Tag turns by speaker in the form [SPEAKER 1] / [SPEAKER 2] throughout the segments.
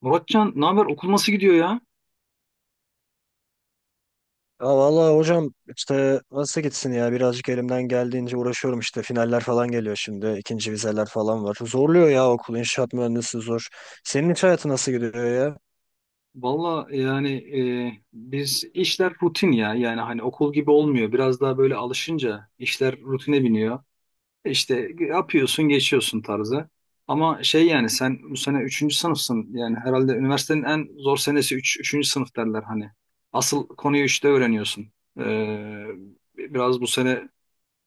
[SPEAKER 1] Muratcan, ne haber? Okul nasıl gidiyor ya?
[SPEAKER 2] Ya vallahi hocam işte nasıl gitsin ya, birazcık elimden geldiğince uğraşıyorum işte, finaller falan geliyor şimdi, ikinci vizeler falan var. Zorluyor ya, okul inşaat mühendisi zor. Senin iş hayatı nasıl gidiyor ya?
[SPEAKER 1] Valla yani biz işler rutin ya. Yani hani okul gibi olmuyor. Biraz daha böyle alışınca işler rutine biniyor. İşte yapıyorsun, geçiyorsun tarzı. Ama şey yani sen bu sene üçüncü sınıfsın. Yani herhalde üniversitenin en zor senesi üçüncü sınıf derler hani. Asıl konuyu 3'te öğreniyorsun. Ee, biraz bu sene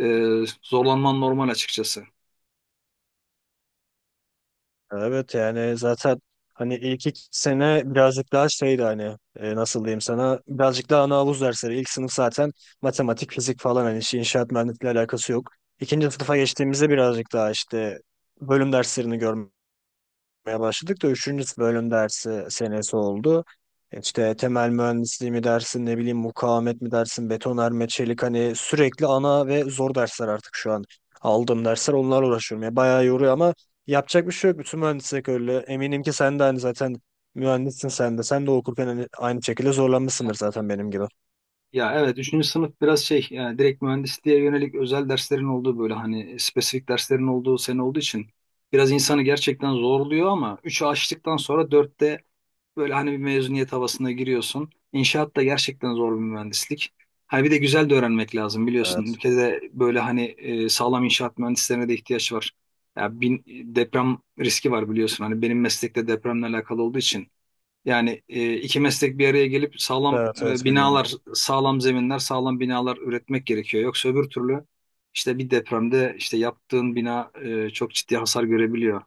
[SPEAKER 1] e, zorlanman normal açıkçası.
[SPEAKER 2] Evet, yani zaten hani ilk iki sene birazcık daha şeydi, hani nasıl diyeyim sana, birazcık daha ana havuz dersleri. İlk sınıf zaten matematik, fizik falan, hani işi inşaat mühendisliğiyle alakası yok. İkinci sınıfa geçtiğimizde birazcık daha işte bölüm derslerini görmek yapmaya başladık da 3. bölüm dersi senesi oldu. İşte temel mühendisliği mi dersin, ne bileyim mukavemet mi dersin, betonarme, çelik, hani sürekli ana ve zor dersler artık şu an. Aldığım dersler, onlarla uğraşıyorum. Ya bayağı yoruyor ama yapacak bir şey yok. Bütün mühendislik öyle. Eminim ki sen de hani zaten mühendissin sen de. Sen de okurken hani aynı şekilde zorlanmışsındır zaten benim gibi.
[SPEAKER 1] Ya evet, üçüncü sınıf biraz şey yani direkt mühendisliğe yönelik özel derslerin olduğu böyle hani spesifik derslerin olduğu sene olduğu için biraz insanı gerçekten zorluyor ama 3'ü açtıktan sonra dörtte böyle hani bir mezuniyet havasına giriyorsun. İnşaat da gerçekten zor bir mühendislik. Ha bir de güzel de öğrenmek lazım biliyorsun.
[SPEAKER 2] Evet.
[SPEAKER 1] Ülkede böyle hani sağlam inşaat mühendislerine de ihtiyaç var. Ya bin, deprem riski var biliyorsun. Hani benim meslekte depremle alakalı olduğu için yani iki meslek bir araya gelip sağlam
[SPEAKER 2] Evet, evet biliyorum.
[SPEAKER 1] binalar, sağlam zeminler, sağlam binalar üretmek gerekiyor. Yoksa öbür türlü işte bir depremde işte yaptığın bina çok ciddi hasar görebiliyor.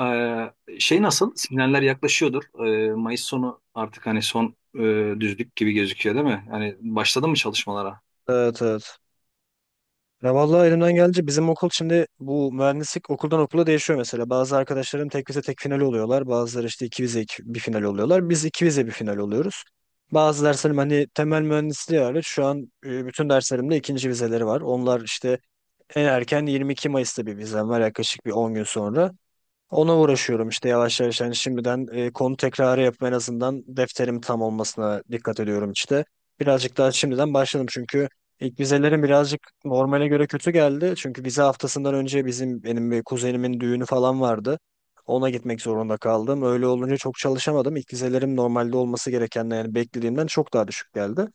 [SPEAKER 1] Şey nasıl? Sinyaller yaklaşıyordur. E, Mayıs sonu artık hani son düzlük gibi gözüküyor değil mi? Yani başladı mı çalışmalara?
[SPEAKER 2] Evet, evet. Ya vallahi elimden geldi. Bizim okul şimdi, bu mühendislik okuldan okula değişiyor mesela. Bazı arkadaşlarım tek vize tek final oluyorlar. Bazıları işte iki vize bir final oluyorlar. Biz iki vize bir final oluyoruz. Bazı derslerim, hani temel mühendisliği hariç şu an bütün derslerimde ikinci vizeleri var. Onlar işte en erken 22 Mayıs'ta bir vizem var, yaklaşık bir 10 gün sonra. Ona uğraşıyorum işte yavaş yavaş, yani şimdiden konu tekrarı yapıp en azından defterim tam olmasına dikkat ediyorum işte. Birazcık daha şimdiden başladım çünkü ilk vizelerim birazcık normale göre kötü geldi. Çünkü vize haftasından önce benim bir kuzenimin düğünü falan vardı. Ona gitmek zorunda kaldım. Öyle olunca çok çalışamadım. İlk vizelerim normalde olması gerekenden, yani beklediğimden çok daha düşük geldi.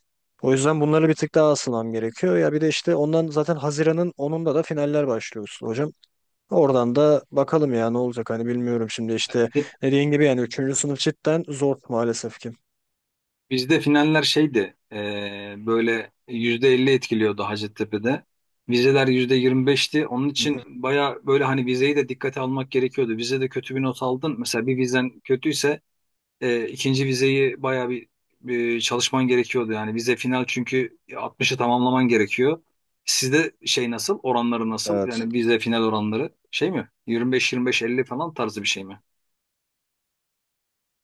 [SPEAKER 2] O yüzden bunları bir tık daha asılmam gerekiyor. Ya bir de işte ondan zaten Haziran'ın 10'unda da finaller başlıyorsun hocam. Oradan da bakalım ya ne olacak, hani bilmiyorum şimdi, işte dediğin gibi yani üçüncü sınıf cidden zor maalesef ki.
[SPEAKER 1] Bizde finaller şeydi böyle %50 etkiliyordu Hacettepe'de. Vizeler yüzde yirmi beşti. Onun
[SPEAKER 2] Hı
[SPEAKER 1] için
[SPEAKER 2] hı.
[SPEAKER 1] baya böyle hani vizeyi de dikkate almak gerekiyordu. Vizede kötü bir not aldın. Mesela bir vizen kötüyse ikinci vizeyi bir çalışman gerekiyordu. Yani vize final çünkü altmışı tamamlaman gerekiyor. Sizde şey nasıl? Oranları nasıl?
[SPEAKER 2] Evet.
[SPEAKER 1] Yani vize final oranları şey mi? Yirmi beş yirmi beş elli falan tarzı bir şey mi?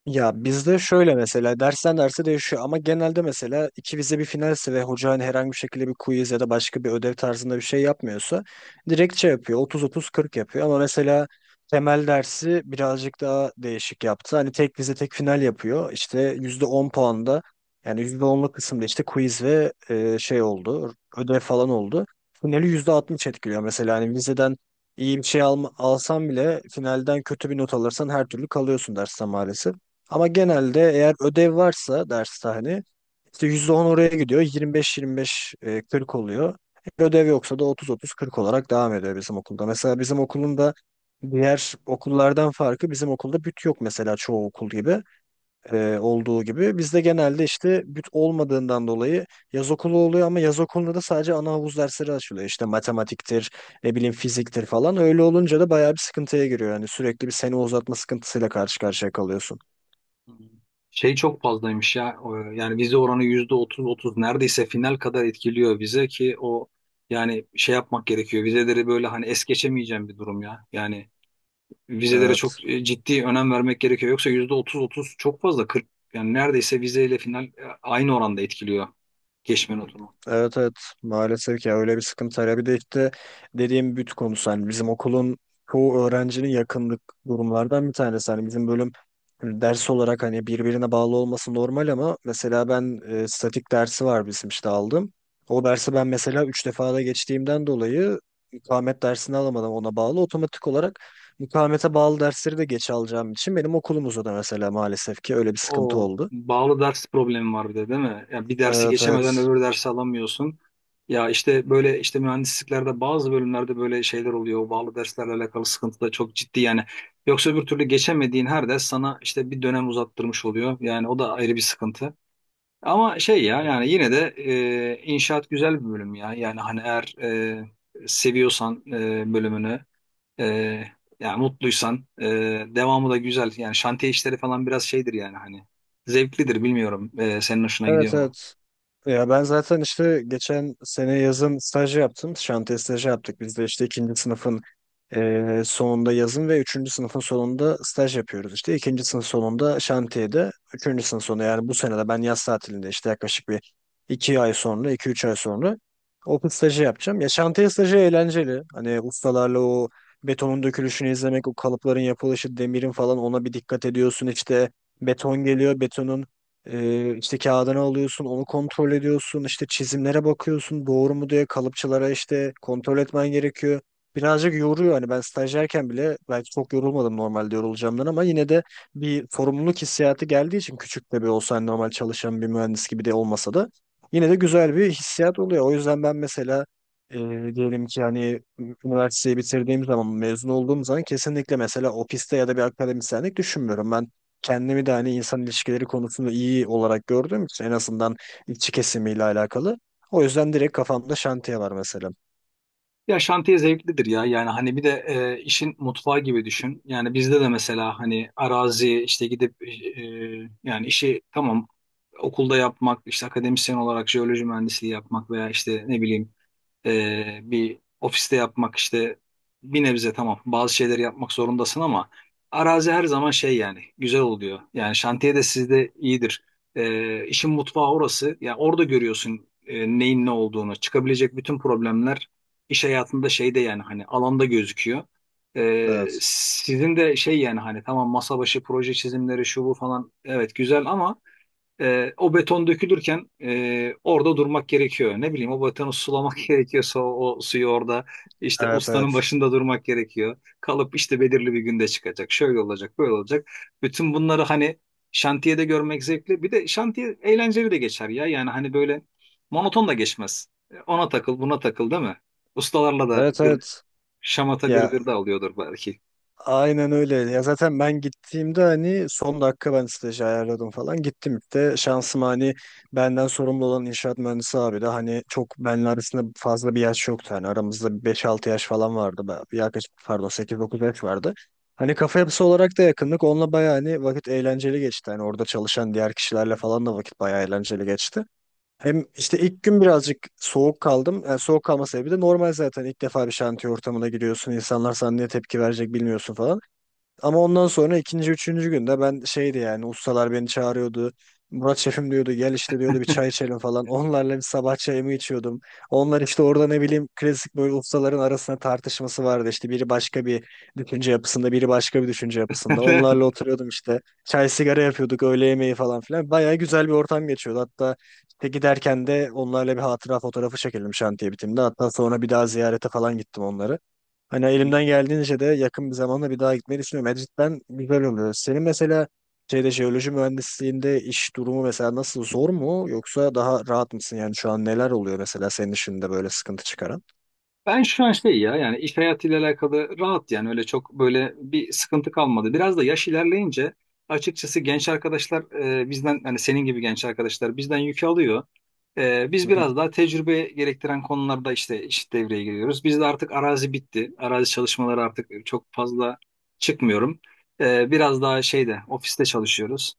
[SPEAKER 2] Ya bizde şöyle mesela, dersten derse değişiyor ama genelde mesela iki vize bir finalse ve hoca hani herhangi bir şekilde bir quiz ya da başka bir ödev tarzında bir şey yapmıyorsa, direkt şey yapıyor, otuz 30 40 yapıyor ama mesela temel dersi birazcık daha değişik yaptı. Hani tek vize tek final yapıyor, işte %10 puanda, yani %10'luk kısımda işte quiz ve şey oldu, ödev falan oldu. Finali %60 etkiliyor mesela, hani vizeden iyi bir şey alsan bile finalden kötü bir not alırsan her türlü kalıyorsun dersten maalesef. Ama genelde eğer ödev varsa derste, hani işte %10 oraya gidiyor. 25-25 40 oluyor. Eğer ödev yoksa da otuz otuz 40 olarak devam ediyor bizim okulda. Mesela bizim okulun da diğer okullardan farkı, bizim okulda büt yok mesela çoğu okul gibi olduğu gibi. Bizde genelde işte büt olmadığından dolayı yaz okulu oluyor ama yaz okulunda da sadece ana havuz dersleri açılıyor. İşte matematiktir, ne bileyim fiziktir falan. Öyle olunca da bayağı bir sıkıntıya giriyor. Yani sürekli bir sene uzatma sıkıntısıyla karşı karşıya kalıyorsun.
[SPEAKER 1] Şey çok fazlaymış ya. Yani vize oranı yüzde otuz otuz neredeyse final kadar etkiliyor vize ki o yani şey yapmak gerekiyor. Vizeleri böyle hani es geçemeyeceğim bir durum ya. Yani vizelere
[SPEAKER 2] Evet.
[SPEAKER 1] çok ciddi önem vermek gerekiyor. Yoksa yüzde otuz otuz çok fazla 40 yani neredeyse vizeyle final aynı oranda etkiliyor geçme notunu.
[SPEAKER 2] Evet, evet maalesef ya, öyle bir sıkıntı var. Ya bir de işte dediğim büt konusu, hani bizim okulun çoğu öğrencinin yakınlık durumlardan bir tanesi. Hani bizim bölüm hani ders olarak hani birbirine bağlı olması normal ama mesela ben statik dersi var bizim, işte aldım. O dersi ben mesela 3 defa da geçtiğimden dolayı mukavemet dersini alamadım, ona bağlı. Otomatik olarak mukavemete bağlı dersleri de geç alacağım için benim okulumuzda da mesela maalesef ki öyle bir sıkıntı
[SPEAKER 1] O
[SPEAKER 2] oldu.
[SPEAKER 1] bağlı ders problemi var bir de değil mi? Ya bir dersi
[SPEAKER 2] Evet, evet.
[SPEAKER 1] geçemeden öbür dersi alamıyorsun. Ya işte böyle işte mühendisliklerde bazı bölümlerde böyle şeyler oluyor. O bağlı derslerle alakalı sıkıntı da çok ciddi yani. Yoksa öbür türlü geçemediğin her ders sana işte bir dönem uzattırmış oluyor. Yani o da ayrı bir sıkıntı. Ama şey ya yani yine de inşaat güzel bir bölüm ya. Yani hani eğer seviyorsan bölümünü ee, yani mutluysan devamı da güzel. Yani şantiye işleri falan biraz şeydir yani hani zevklidir bilmiyorum. Senin hoşuna
[SPEAKER 2] Evet,
[SPEAKER 1] gidiyor mu?
[SPEAKER 2] evet. Ya ben zaten işte geçen sene yazın staj yaptım. Şantiye stajı yaptık. Biz de işte ikinci sınıfın sonunda yazın ve üçüncü sınıfın sonunda staj yapıyoruz işte. 2. sınıf sonunda şantiyede. Üçüncü sınıf sonu, yani bu sene de ben yaz tatilinde işte yaklaşık bir iki ay sonra, 2 3 ay sonra okul stajı yapacağım. Ya şantiye stajı eğlenceli. Hani ustalarla o betonun dökülüşünü izlemek, o kalıpların yapılışı, demirin falan, ona bir dikkat ediyorsun. İşte beton geliyor, betonun işte kağıdını alıyorsun, onu kontrol ediyorsun. İşte çizimlere bakıyorsun, doğru mu diye kalıpçılara işte kontrol etmen gerekiyor, birazcık yoruyor. Hani ben stajyerken bile belki çok yorulmadım normalde yorulacağımdan ama yine de bir sorumluluk hissiyatı geldiği için, küçük de bir olsa hani normal çalışan bir mühendis gibi de olmasa da, yine de güzel bir hissiyat oluyor. O yüzden ben mesela, e, diyelim ki hani üniversiteyi bitirdiğim zaman, mezun olduğum zaman, kesinlikle mesela ofiste ya da bir akademisyenlik düşünmüyorum. Ben kendimi de hani insan ilişkileri konusunda iyi olarak gördüğüm için, en azından işçi kesimiyle alakalı. O yüzden direkt kafamda şantiye var mesela.
[SPEAKER 1] Ya şantiye zevklidir ya yani hani bir de işin mutfağı gibi düşün. Yani bizde de mesela hani arazi işte gidip yani işi tamam okulda yapmak işte akademisyen olarak jeoloji mühendisliği yapmak veya işte ne bileyim bir ofiste yapmak işte bir nebze tamam bazı şeyleri yapmak zorundasın ama arazi her zaman şey yani güzel oluyor. Yani şantiye de sizde iyidir. İşin mutfağı orası. Yani orada görüyorsun neyin ne olduğunu. Çıkabilecek bütün problemler iş hayatında şeyde yani hani alanda gözüküyor.
[SPEAKER 2] Evet.
[SPEAKER 1] Sizin de şey yani hani tamam masa başı proje çizimleri şu bu falan evet güzel ama o beton dökülürken orada durmak gerekiyor. Ne bileyim o betonu sulamak gerekiyorsa o suyu orada işte
[SPEAKER 2] Evet, evet.
[SPEAKER 1] ustanın başında durmak gerekiyor. Kalıp işte belirli bir günde çıkacak. Şöyle olacak, böyle olacak. Bütün bunları hani şantiyede görmek zevkli. Bir de şantiye eğlenceli de geçer ya. Yani hani böyle monoton da geçmez. Ona takıl, buna takıl, değil mi? Ustalarla da
[SPEAKER 2] Evet,
[SPEAKER 1] gır,
[SPEAKER 2] evet.
[SPEAKER 1] şamata
[SPEAKER 2] Ya
[SPEAKER 1] gırgır da alıyordur belki.
[SPEAKER 2] aynen öyle. Ya zaten ben gittiğimde hani son dakika ben stajı ayarladım falan. Gittim de şansım, hani benden sorumlu olan inşaat mühendisi abi de hani çok benle arasında fazla bir yaş yoktu. Hani aramızda bir 5-6 yaş falan vardı. Yaklaşık pardon sekiz dokuz yaş vardı. Hani kafa yapısı olarak da yakınlık. Onunla bayağı hani vakit eğlenceli geçti. Hani orada çalışan diğer kişilerle falan da vakit bayağı eğlenceli geçti. Hem işte ilk gün birazcık soğuk kaldım. Yani soğuk kalma sebebi de normal zaten. İlk defa bir şantiye ortamına giriyorsun. İnsanlar sana ne tepki verecek bilmiyorsun falan. Ama ondan sonra ikinci, üçüncü günde ben şeydi yani, ustalar beni çağırıyordu. Murat şefim diyordu, gel işte diyordu, bir çay içelim falan. Onlarla bir sabah çayımı içiyordum. Onlar işte orada ne bileyim klasik böyle ustaların arasında tartışması vardı. İşte biri başka bir düşünce yapısında, biri başka bir düşünce yapısında. Onlarla oturuyordum işte. Çay sigara yapıyorduk, öğle yemeği falan filan. Bayağı güzel bir ortam geçiyordu. Hatta işte giderken de onlarla bir hatıra fotoğrafı çekelim şantiye bitiminde. Hatta sonra bir daha ziyarete falan gittim onları. Hani elimden geldiğince de yakın bir zamanda bir daha gitmeyi düşünüyorum. Yani cidden güzel oluyor. Senin mesela şeyde, jeoloji mühendisliğinde iş durumu mesela nasıl, zor mu yoksa daha rahat mısın? Yani şu an neler oluyor mesela senin işinde böyle sıkıntı çıkaran?
[SPEAKER 1] Ben şu an şey ya yani iş hayatıyla alakalı rahat yani öyle çok böyle bir sıkıntı kalmadı. Biraz da yaş ilerleyince açıkçası genç arkadaşlar bizden hani senin gibi genç arkadaşlar bizden yük alıyor. Biz
[SPEAKER 2] Hı hı.
[SPEAKER 1] biraz daha tecrübe gerektiren konularda işte devreye giriyoruz. Bizde artık arazi bitti. Arazi çalışmaları artık çok fazla çıkmıyorum. Biraz daha şeyde ofiste çalışıyoruz.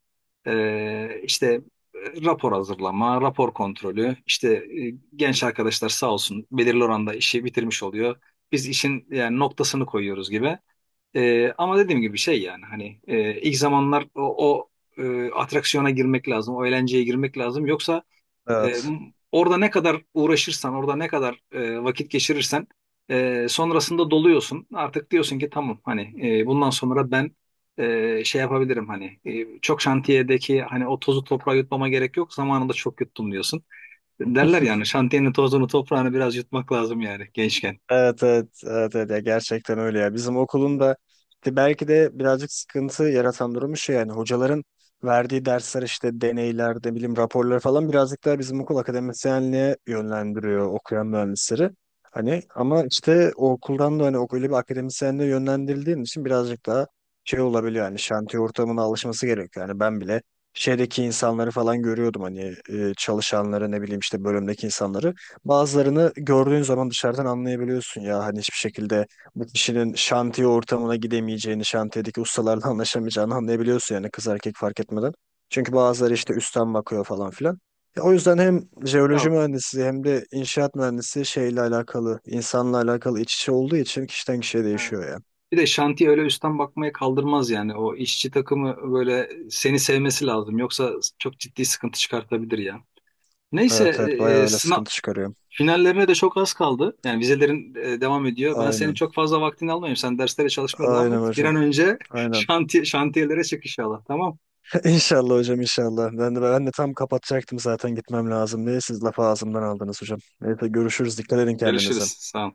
[SPEAKER 1] İşte rapor hazırlama, rapor kontrolü. İşte genç arkadaşlar sağ olsun belirli oranda işi bitirmiş oluyor. Biz işin yani noktasını koyuyoruz gibi. Ama dediğim gibi şey yani hani ilk zamanlar o atraksiyona girmek lazım, o eğlenceye girmek lazım. Yoksa e,
[SPEAKER 2] Evet.
[SPEAKER 1] orada ne kadar uğraşırsan, orada ne kadar vakit geçirirsen sonrasında doluyorsun. Artık diyorsun ki tamam hani bundan sonra ben şey yapabilirim hani çok şantiyedeki hani o tozu toprağa yutmama gerek yok. Zamanında çok yuttum diyorsun. Derler yani şantiyenin tozunu toprağını biraz yutmak lazım yani gençken.
[SPEAKER 2] Evet, evet, evet, evet ya gerçekten öyle ya, bizim okulun da işte belki de birazcık sıkıntı yaratan durumu şey yani, hocaların verdiği dersler işte, deneyler de, bilim raporları falan, birazcık daha bizim okul akademisyenliğe yönlendiriyor okuyan mühendisleri. Hani ama işte o okuldan da hani öyle bir akademisyenliğe yönlendirildiğin için birazcık daha şey olabiliyor, yani şantiye ortamına alışması gerekiyor. Yani ben bile şeydeki insanları falan görüyordum hani, çalışanları ne bileyim, işte bölümdeki insanları. Bazılarını gördüğün zaman dışarıdan anlayabiliyorsun ya, hani hiçbir şekilde bu kişinin şantiye ortamına gidemeyeceğini, şantiyedeki ustalarla anlaşamayacağını anlayabiliyorsun, yani kız erkek fark etmeden. Çünkü bazıları işte üstten bakıyor falan filan. Ya o yüzden hem jeoloji
[SPEAKER 1] Yok,
[SPEAKER 2] mühendisi hem de inşaat mühendisi şeyle alakalı, insanla alakalı iç içe olduğu için kişiden kişiye
[SPEAKER 1] evet.
[SPEAKER 2] değişiyor ya.
[SPEAKER 1] Bir de şantiye öyle üstten bakmaya kaldırmaz yani. O işçi takımı böyle seni sevmesi lazım. Yoksa çok ciddi sıkıntı çıkartabilir ya. Neyse,
[SPEAKER 2] Evet, evet
[SPEAKER 1] e,
[SPEAKER 2] bayağı
[SPEAKER 1] e,
[SPEAKER 2] öyle
[SPEAKER 1] sına-
[SPEAKER 2] sıkıntı çıkarıyor.
[SPEAKER 1] Finallerine de çok az kaldı. Yani vizelerin devam ediyor. Ben senin
[SPEAKER 2] Aynen.
[SPEAKER 1] çok fazla vaktini almayayım. Sen derslere çalışmaya devam
[SPEAKER 2] Aynen
[SPEAKER 1] et. Bir
[SPEAKER 2] hocam.
[SPEAKER 1] an önce
[SPEAKER 2] Aynen.
[SPEAKER 1] şantiyelere çık inşallah. Tamam.
[SPEAKER 2] İnşallah hocam, inşallah. Ben de tam kapatacaktım zaten, gitmem lazım diye. Siz lafı ağzımdan aldınız hocam. Neyse, görüşürüz. Dikkat edin
[SPEAKER 1] Görüşürüz.
[SPEAKER 2] kendinize.
[SPEAKER 1] Sağ ol.